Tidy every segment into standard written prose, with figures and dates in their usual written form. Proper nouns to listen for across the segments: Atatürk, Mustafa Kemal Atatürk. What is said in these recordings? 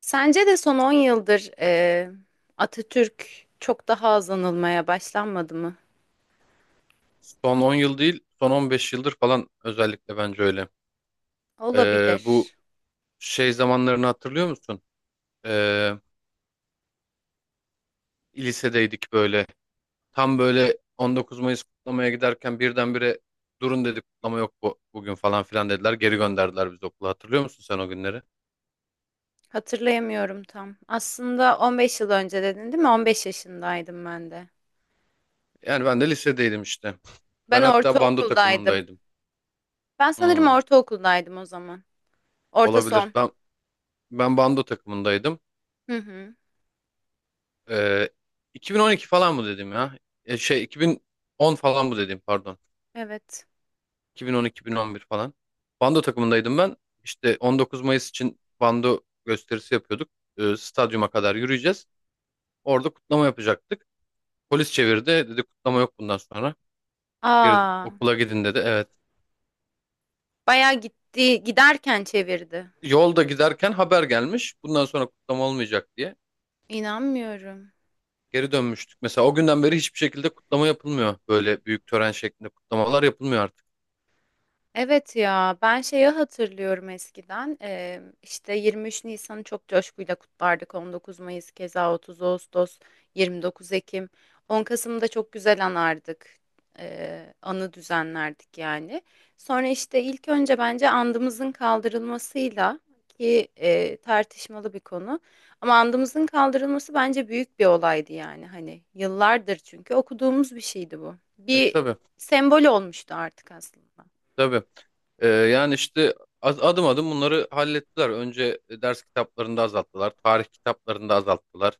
Sence de son 10 yıldır Atatürk çok daha az anılmaya başlanmadı mı? Son 10 yıl değil, son 15 yıldır falan özellikle bence öyle. Bu Olabilir. şey zamanlarını hatırlıyor musun? Ee, Lisedeydik böyle. Tam böyle 19 Mayıs kutlamaya giderken birdenbire durun dedi, kutlama yok bu, bugün falan filan dediler. Geri gönderdiler bizi okula. Hatırlıyor musun sen o günleri? Hatırlayamıyorum tam. Aslında 15 yıl önce dedin değil mi? 15 yaşındaydım ben de. Yani ben de lisedeydim işte. Ben Ben hatta bando ortaokuldaydım. takımındaydım. Ben sanırım Hmm, ortaokuldaydım o zaman. Orta olabilir. son. Ben bando takımındaydım. Hı hı. Ee, 2012 falan mı dedim ya? Şey 2010 falan mı dedim, pardon. Evet. 2010-2011 falan. Bando takımındaydım ben. İşte 19 Mayıs için bando gösterisi yapıyorduk. Stadyuma kadar yürüyeceğiz. Orada kutlama yapacaktık. Polis çevirdi. Dedi kutlama yok bundan sonra. Geri Aa, okula gidin dedi. Evet. bayağı gitti. Giderken çevirdi. Yolda giderken haber gelmiş. Bundan sonra kutlama olmayacak diye. İnanmıyorum. Geri dönmüştük. Mesela o günden beri hiçbir şekilde kutlama yapılmıyor. Böyle büyük tören şeklinde kutlamalar yapılmıyor artık. Evet ya, ben şeyi hatırlıyorum eskiden, işte 23 Nisan'ı çok coşkuyla kutlardık, 19 Mayıs keza, 30 Ağustos, 29 Ekim, 10 Kasım'da çok güzel anardık. Anı düzenlerdik yani, sonra işte ilk önce bence andımızın kaldırılmasıyla, ki tartışmalı bir konu, ama andımızın kaldırılması bence büyük bir olaydı yani. Hani yıllardır çünkü okuduğumuz bir şeydi bu, E bir tabii. sembol olmuştu artık aslında. Tabii. Yani işte adım adım bunları hallettiler. Önce ders kitaplarında azalttılar. Tarih kitaplarında azalttılar.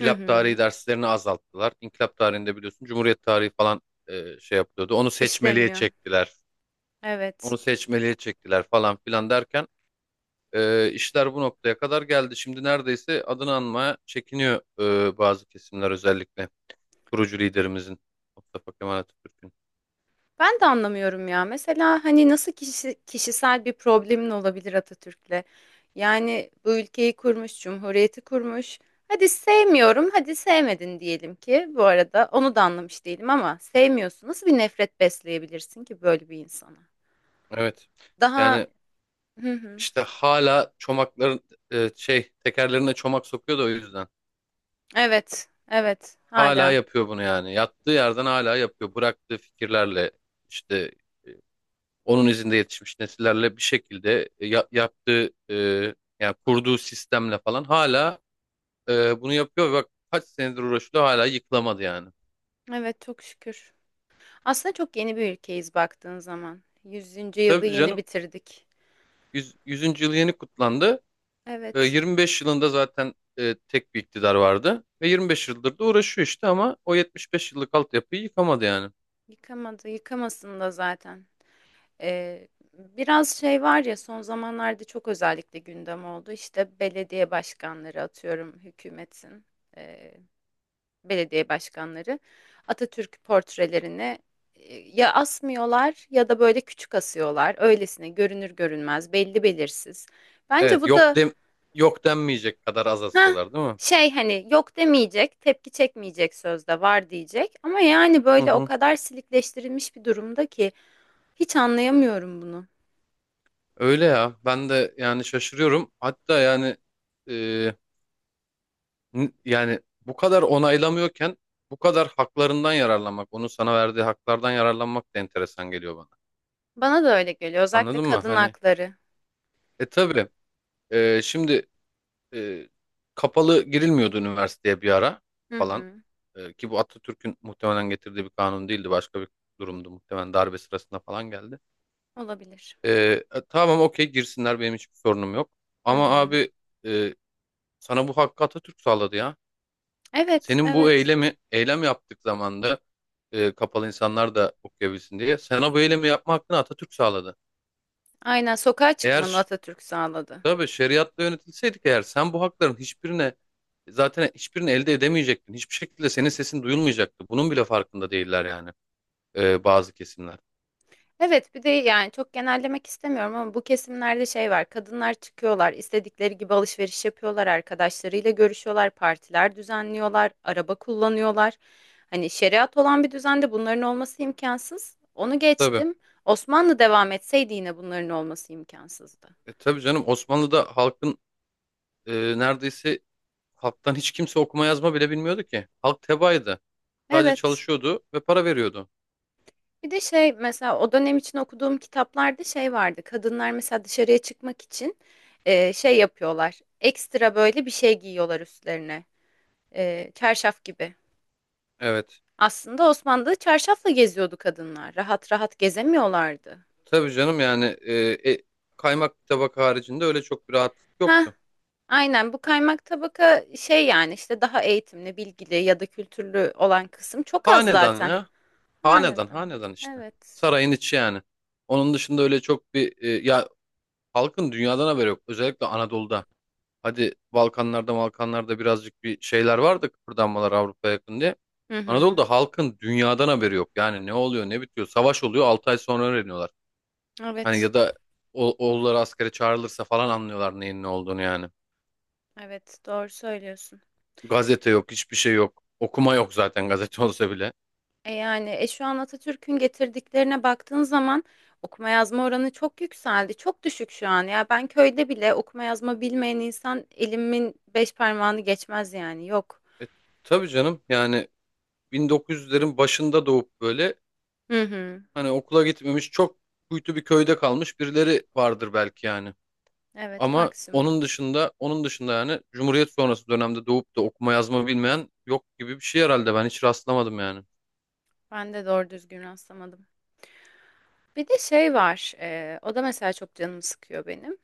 Hı tarihi hı. derslerini azalttılar. İnkılap tarihinde biliyorsun Cumhuriyet tarihi falan şey yapıyordu. Onu seçmeliğe İşleniyor. çektiler. Evet. Onu seçmeliğe çektiler falan filan derken işler bu noktaya kadar geldi. Şimdi neredeyse adını anmaya çekiniyor bazı kesimler, özellikle kurucu liderimizin, Mustafa Kemal Atatürk'ün. Ben de anlamıyorum ya. Mesela hani nasıl kişisel bir problemin olabilir Atatürk'le? Yani bu ülkeyi kurmuş, cumhuriyeti kurmuş. Hadi sevmiyorum, hadi sevmedin diyelim ki. Bu arada onu da anlamış değilim ama sevmiyorsun. Nasıl bir nefret besleyebilirsin ki böyle bir insana? Evet. Daha. Yani Hı hı. İşte hala çomakların şey, tekerlerine çomak sokuyor da o yüzden. Evet, evet. Hala Hala. yapıyor bunu yani. Yattığı yerden hala yapıyor. Bıraktığı fikirlerle işte onun izinde yetişmiş nesillerle bir şekilde yaptığı yani kurduğu sistemle falan hala bunu yapıyor. Ve bak kaç senedir uğraşıyor, hala yıkılamadı yani. Evet, çok şükür. Aslında çok yeni bir ülkeyiz baktığın zaman. E, Yüzüncü yılı tabii yeni canım, bitirdik. 100, 100. yılı yeni kutlandı. E, Evet. 25 yılında zaten tek bir iktidar vardı. Ve 25 yıldır da uğraşıyor işte ama o 75 yıllık altyapıyı yıkamadı yani. Yıkamadı, yıkamasın da zaten. Ee, biraz şey var ya, son zamanlarda çok özellikle gündem oldu. İşte belediye başkanları, atıyorum hükümetin e, belediye başkanları Atatürk portrelerini ya asmıyorlar ya da böyle küçük asıyorlar. Öylesine görünür görünmez, belli belirsiz. Bence Evet, bu da yok denmeyecek kadar az heh, asıyorlar, değil mi? şey, hani yok demeyecek, tepki çekmeyecek, sözde var diyecek. Ama yani Hı böyle o hı. kadar silikleştirilmiş bir durumda ki. Hiç anlayamıyorum bunu. Öyle ya. Ben de yani şaşırıyorum. Hatta e, yani, bu kadar onaylamıyorken bu kadar haklarından yararlanmak, onun sana verdiği haklardan yararlanmak da enteresan geliyor bana. Bana da öyle geliyor. Özellikle Anladın mı? kadın Hani hakları. Tabii, şimdi e, kapalı girilmiyordu üniversiteye bir ara Hı falan. hı. Ki bu Atatürk'ün muhtemelen getirdiği bir kanun değildi. Başka bir durumdu. Muhtemelen darbe sırasında falan geldi. Olabilir. Ee, tamam okey, girsinler, benim hiçbir sorunum yok. Hı Ama hı. abi, e, sana bu hakkı Atatürk sağladı ya. Evet, Senin bu evet. eylemi eylem yaptık zamanda kapalı insanlar da okuyabilsin diye. Sana bu eylemi yapma hakkını Atatürk sağladı. Aynen, sokağa Eğer çıkmanı ş- Atatürk sağladı. tabii şeriatla yönetilseydik eğer, sen bu hakların hiçbirine, zaten hiçbirini elde edemeyecektin. Hiçbir şekilde senin sesin duyulmayacaktı. Bunun bile farkında değiller yani bazı kesimler. Evet, bir de yani çok genellemek istemiyorum ama bu kesimlerde şey var. Kadınlar çıkıyorlar, istedikleri gibi alışveriş yapıyorlar, arkadaşlarıyla görüşüyorlar, partiler düzenliyorlar, araba kullanıyorlar. Hani şeriat olan bir düzende bunların olması imkansız. Onu Tabii. geçtim. Osmanlı devam etseydi yine bunların olması imkansızdı. E, tabii canım, Osmanlı'da halkın e, neredeyse halktan hiç kimse okuma yazma bile bilmiyordu ki. Halk tebaaydı. Sadece Evet. çalışıyordu ve para veriyordu. Bir de şey, mesela o dönem için okuduğum kitaplarda şey vardı. Kadınlar mesela dışarıya çıkmak için şey yapıyorlar. Ekstra böyle bir şey giyiyorlar üstlerine. Çarşaf gibi. Evet. Aslında Osmanlı'da çarşafla geziyordu kadınlar. Rahat rahat gezemiyorlardı. Tabii canım yani, e, kaymak bir tabak haricinde öyle çok bir rahatlık Ha, yoktu. aynen, bu kaymak tabaka şey yani, işte daha eğitimli, bilgili ya da kültürlü olan kısım çok az Hanedan zaten. ya. Hanedan, Hanedan. hanedan işte. Evet. Sarayın içi yani. Onun dışında öyle çok bir halkın dünyadan haberi yok. Özellikle Anadolu'da. Hadi Balkanlarda, Balkanlarda birazcık bir şeyler vardı, kıpırdanmalar, Avrupa'ya yakın diye. Hı hı. Anadolu'da halkın dünyadan haberi yok. Yani ne oluyor, ne bitiyor. Savaş oluyor, 6 ay sonra öğreniyorlar. Hani Evet. ya da oğulları askere çağrılırsa falan anlıyorlar neyin ne olduğunu yani. Evet, doğru söylüyorsun. Gazete yok, hiçbir şey yok. Okuma yok zaten, gazete olsa bile. Yani şu an Atatürk'ün getirdiklerine baktığın zaman okuma yazma oranı çok yükseldi. Çok düşük şu an. Ya ben köyde bile okuma yazma bilmeyen insan, elimin beş parmağını geçmez yani. Yok. E, tabii canım yani 1900'lerin başında doğup böyle Hı hı. hani okula gitmemiş, çok kuytu bir köyde kalmış birileri vardır belki yani. Evet, Ama maksimum. Onun dışında yani Cumhuriyet sonrası dönemde doğup da okuma yazma bilmeyen yok gibi bir şey herhalde, ben hiç rastlamadım yani. Ben de doğru düzgün rastlamadım. Bir de şey var. O da mesela çok canımı sıkıyor benim.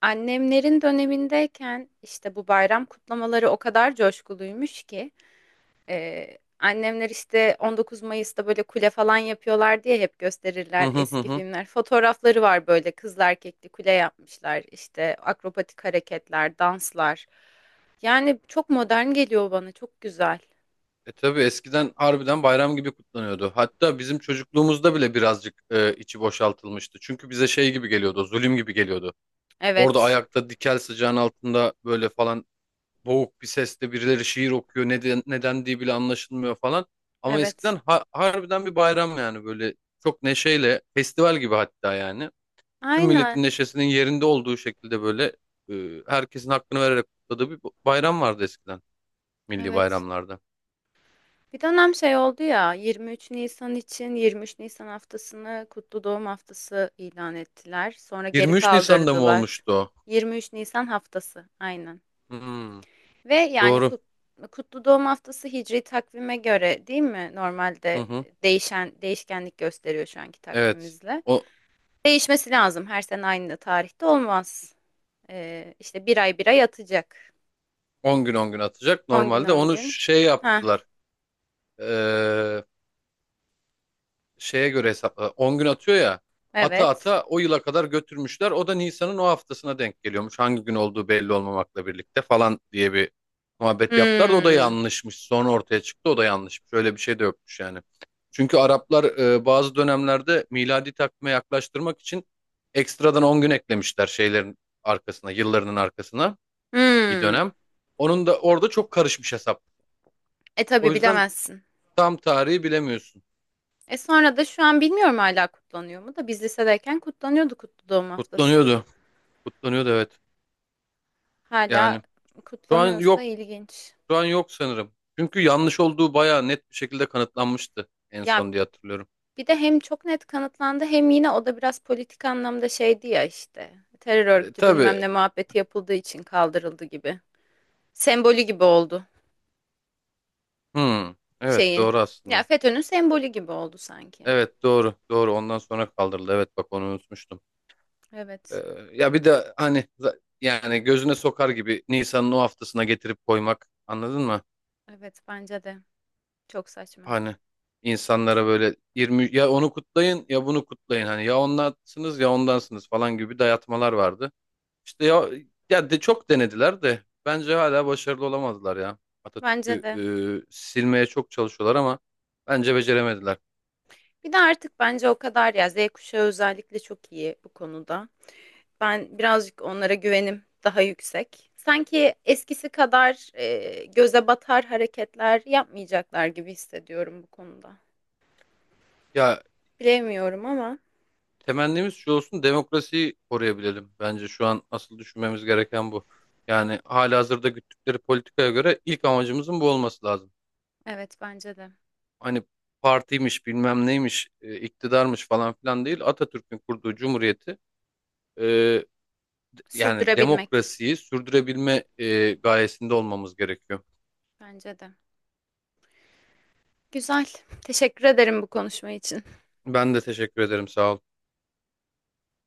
Annemlerin dönemindeyken işte bu bayram kutlamaları o kadar coşkuluymuş ki, annemler işte 19 Mayıs'ta böyle kule falan yapıyorlar diye hep gösterirler eski filmler. Fotoğrafları var böyle, kızlı erkekli kule yapmışlar. İşte akrobatik hareketler, danslar. Yani çok modern geliyor bana. Çok güzel. E tabii, eskiden harbiden bayram gibi kutlanıyordu. Hatta bizim çocukluğumuzda bile birazcık içi boşaltılmıştı. Çünkü bize şey gibi geliyordu, zulüm gibi geliyordu. Orada Evet. ayakta dikel, sıcağın altında böyle falan, boğuk bir sesle birileri şiir okuyor. Neden, neden diye bile anlaşılmıyor falan. Ama Evet. eskiden harbiden bir bayram yani, böyle çok neşeyle, festival gibi hatta yani. Tüm milletin Aynen. neşesinin yerinde olduğu şekilde böyle herkesin hakkını vererek kutladığı bir bayram vardı eskiden, milli Evet. bayramlarda. Bir dönem şey oldu ya, 23 Nisan için 23 Nisan haftasını kutlu doğum haftası ilan ettiler. Sonra geri 23 Nisan'da mı kaldırdılar. olmuştu o? 23 Nisan haftası. Aynen. Hmm, Ve yani doğru. Kutlu Doğum Haftası Hicri takvime göre değil mi? Hı Normalde hı. e, değişen değişkenlik gösteriyor şu anki Evet. takvimimizle. O Değişmesi lazım. Her sene aynı tarihte olmaz. İşte bir ay bir ay atacak. 10 gün 10 gün atacak. On gün Normalde 10 onu gün. şey Ha, yaptılar. Ee, Şeye göre hesapla. 10 gün atıyor ya. Ata evet. ata o yıla kadar götürmüşler. O da Nisan'ın o haftasına denk geliyormuş. Hangi gün olduğu belli olmamakla birlikte falan diye bir muhabbet yaptılar da o da Hmm. yanlışmış. Sonra ortaya çıktı, o da yanlışmış. Öyle bir şey de yokmuş yani. Çünkü Araplar bazı dönemlerde miladi takvime yaklaştırmak için ekstradan 10 gün eklemişler şeylerin arkasına, yıllarının arkasına. Bir Hmm. dönem. Onun da orada çok karışmış hesap. E O tabii, yüzden bilemezsin. tam tarihi bilemiyorsun. E sonra da şu an bilmiyorum hala kutlanıyor mu, da biz lisedeyken kutlanıyordu Kutlu Doğum Haftası. Kutlanıyordu. Kutlanıyordu, evet. Hala Yani şu an kutlanıyorsa yok. ilginç. Şu an yok sanırım. Çünkü yanlış olduğu bayağı net bir şekilde kanıtlanmıştı en Ya, son diye hatırlıyorum. bir de hem çok net kanıtlandı, hem yine o da biraz politik anlamda şeydi ya işte. Terör E, örgütü bilmem tabii. ne muhabbeti yapıldığı için kaldırıldı gibi. Sembolü gibi oldu Hmm. Evet şeyin. doğru, Ya, aslında. FETÖ'nün sembolü gibi oldu sanki. Evet doğru. Doğru. Ondan sonra kaldırıldı. Evet bak, onu unutmuştum. E, Evet. ya bir de hani yani gözüne sokar gibi Nisan'ın o haftasına getirip koymak. Anladın mı? Evet bence de. Çok saçma. Hani insanlara böyle 20, ya onu kutlayın ya bunu kutlayın, hani ya onlansınız ya ondansınız falan gibi dayatmalar vardı. İşte ya, ya de çok denediler de bence hala başarılı olamadılar ya. Atatürk'ü Bence de. Silmeye çok çalışıyorlar ama bence beceremediler. Bir de artık bence o kadar, ya Z kuşağı özellikle çok iyi bu konuda. Ben birazcık onlara güvenim daha yüksek. Sanki eskisi kadar göze batar hareketler yapmayacaklar gibi hissediyorum bu konuda. Ya, Bilemiyorum ama temennimiz şu olsun, demokrasiyi koruyabilelim. Bence şu an asıl düşünmemiz gereken bu. Yani halihazırda güttükleri politikaya göre ilk amacımızın bu olması lazım. evet, bence de. Hani partiymiş, bilmem neymiş, iktidarmış falan filan değil, Atatürk'ün kurduğu cumhuriyeti e, Sürdürebilmek demokrasiyi sürdürebilme gayesinde olmamız gerekiyor. bence de. Güzel. Teşekkür ederim bu konuşma için. Ben de teşekkür ederim, sağ ol.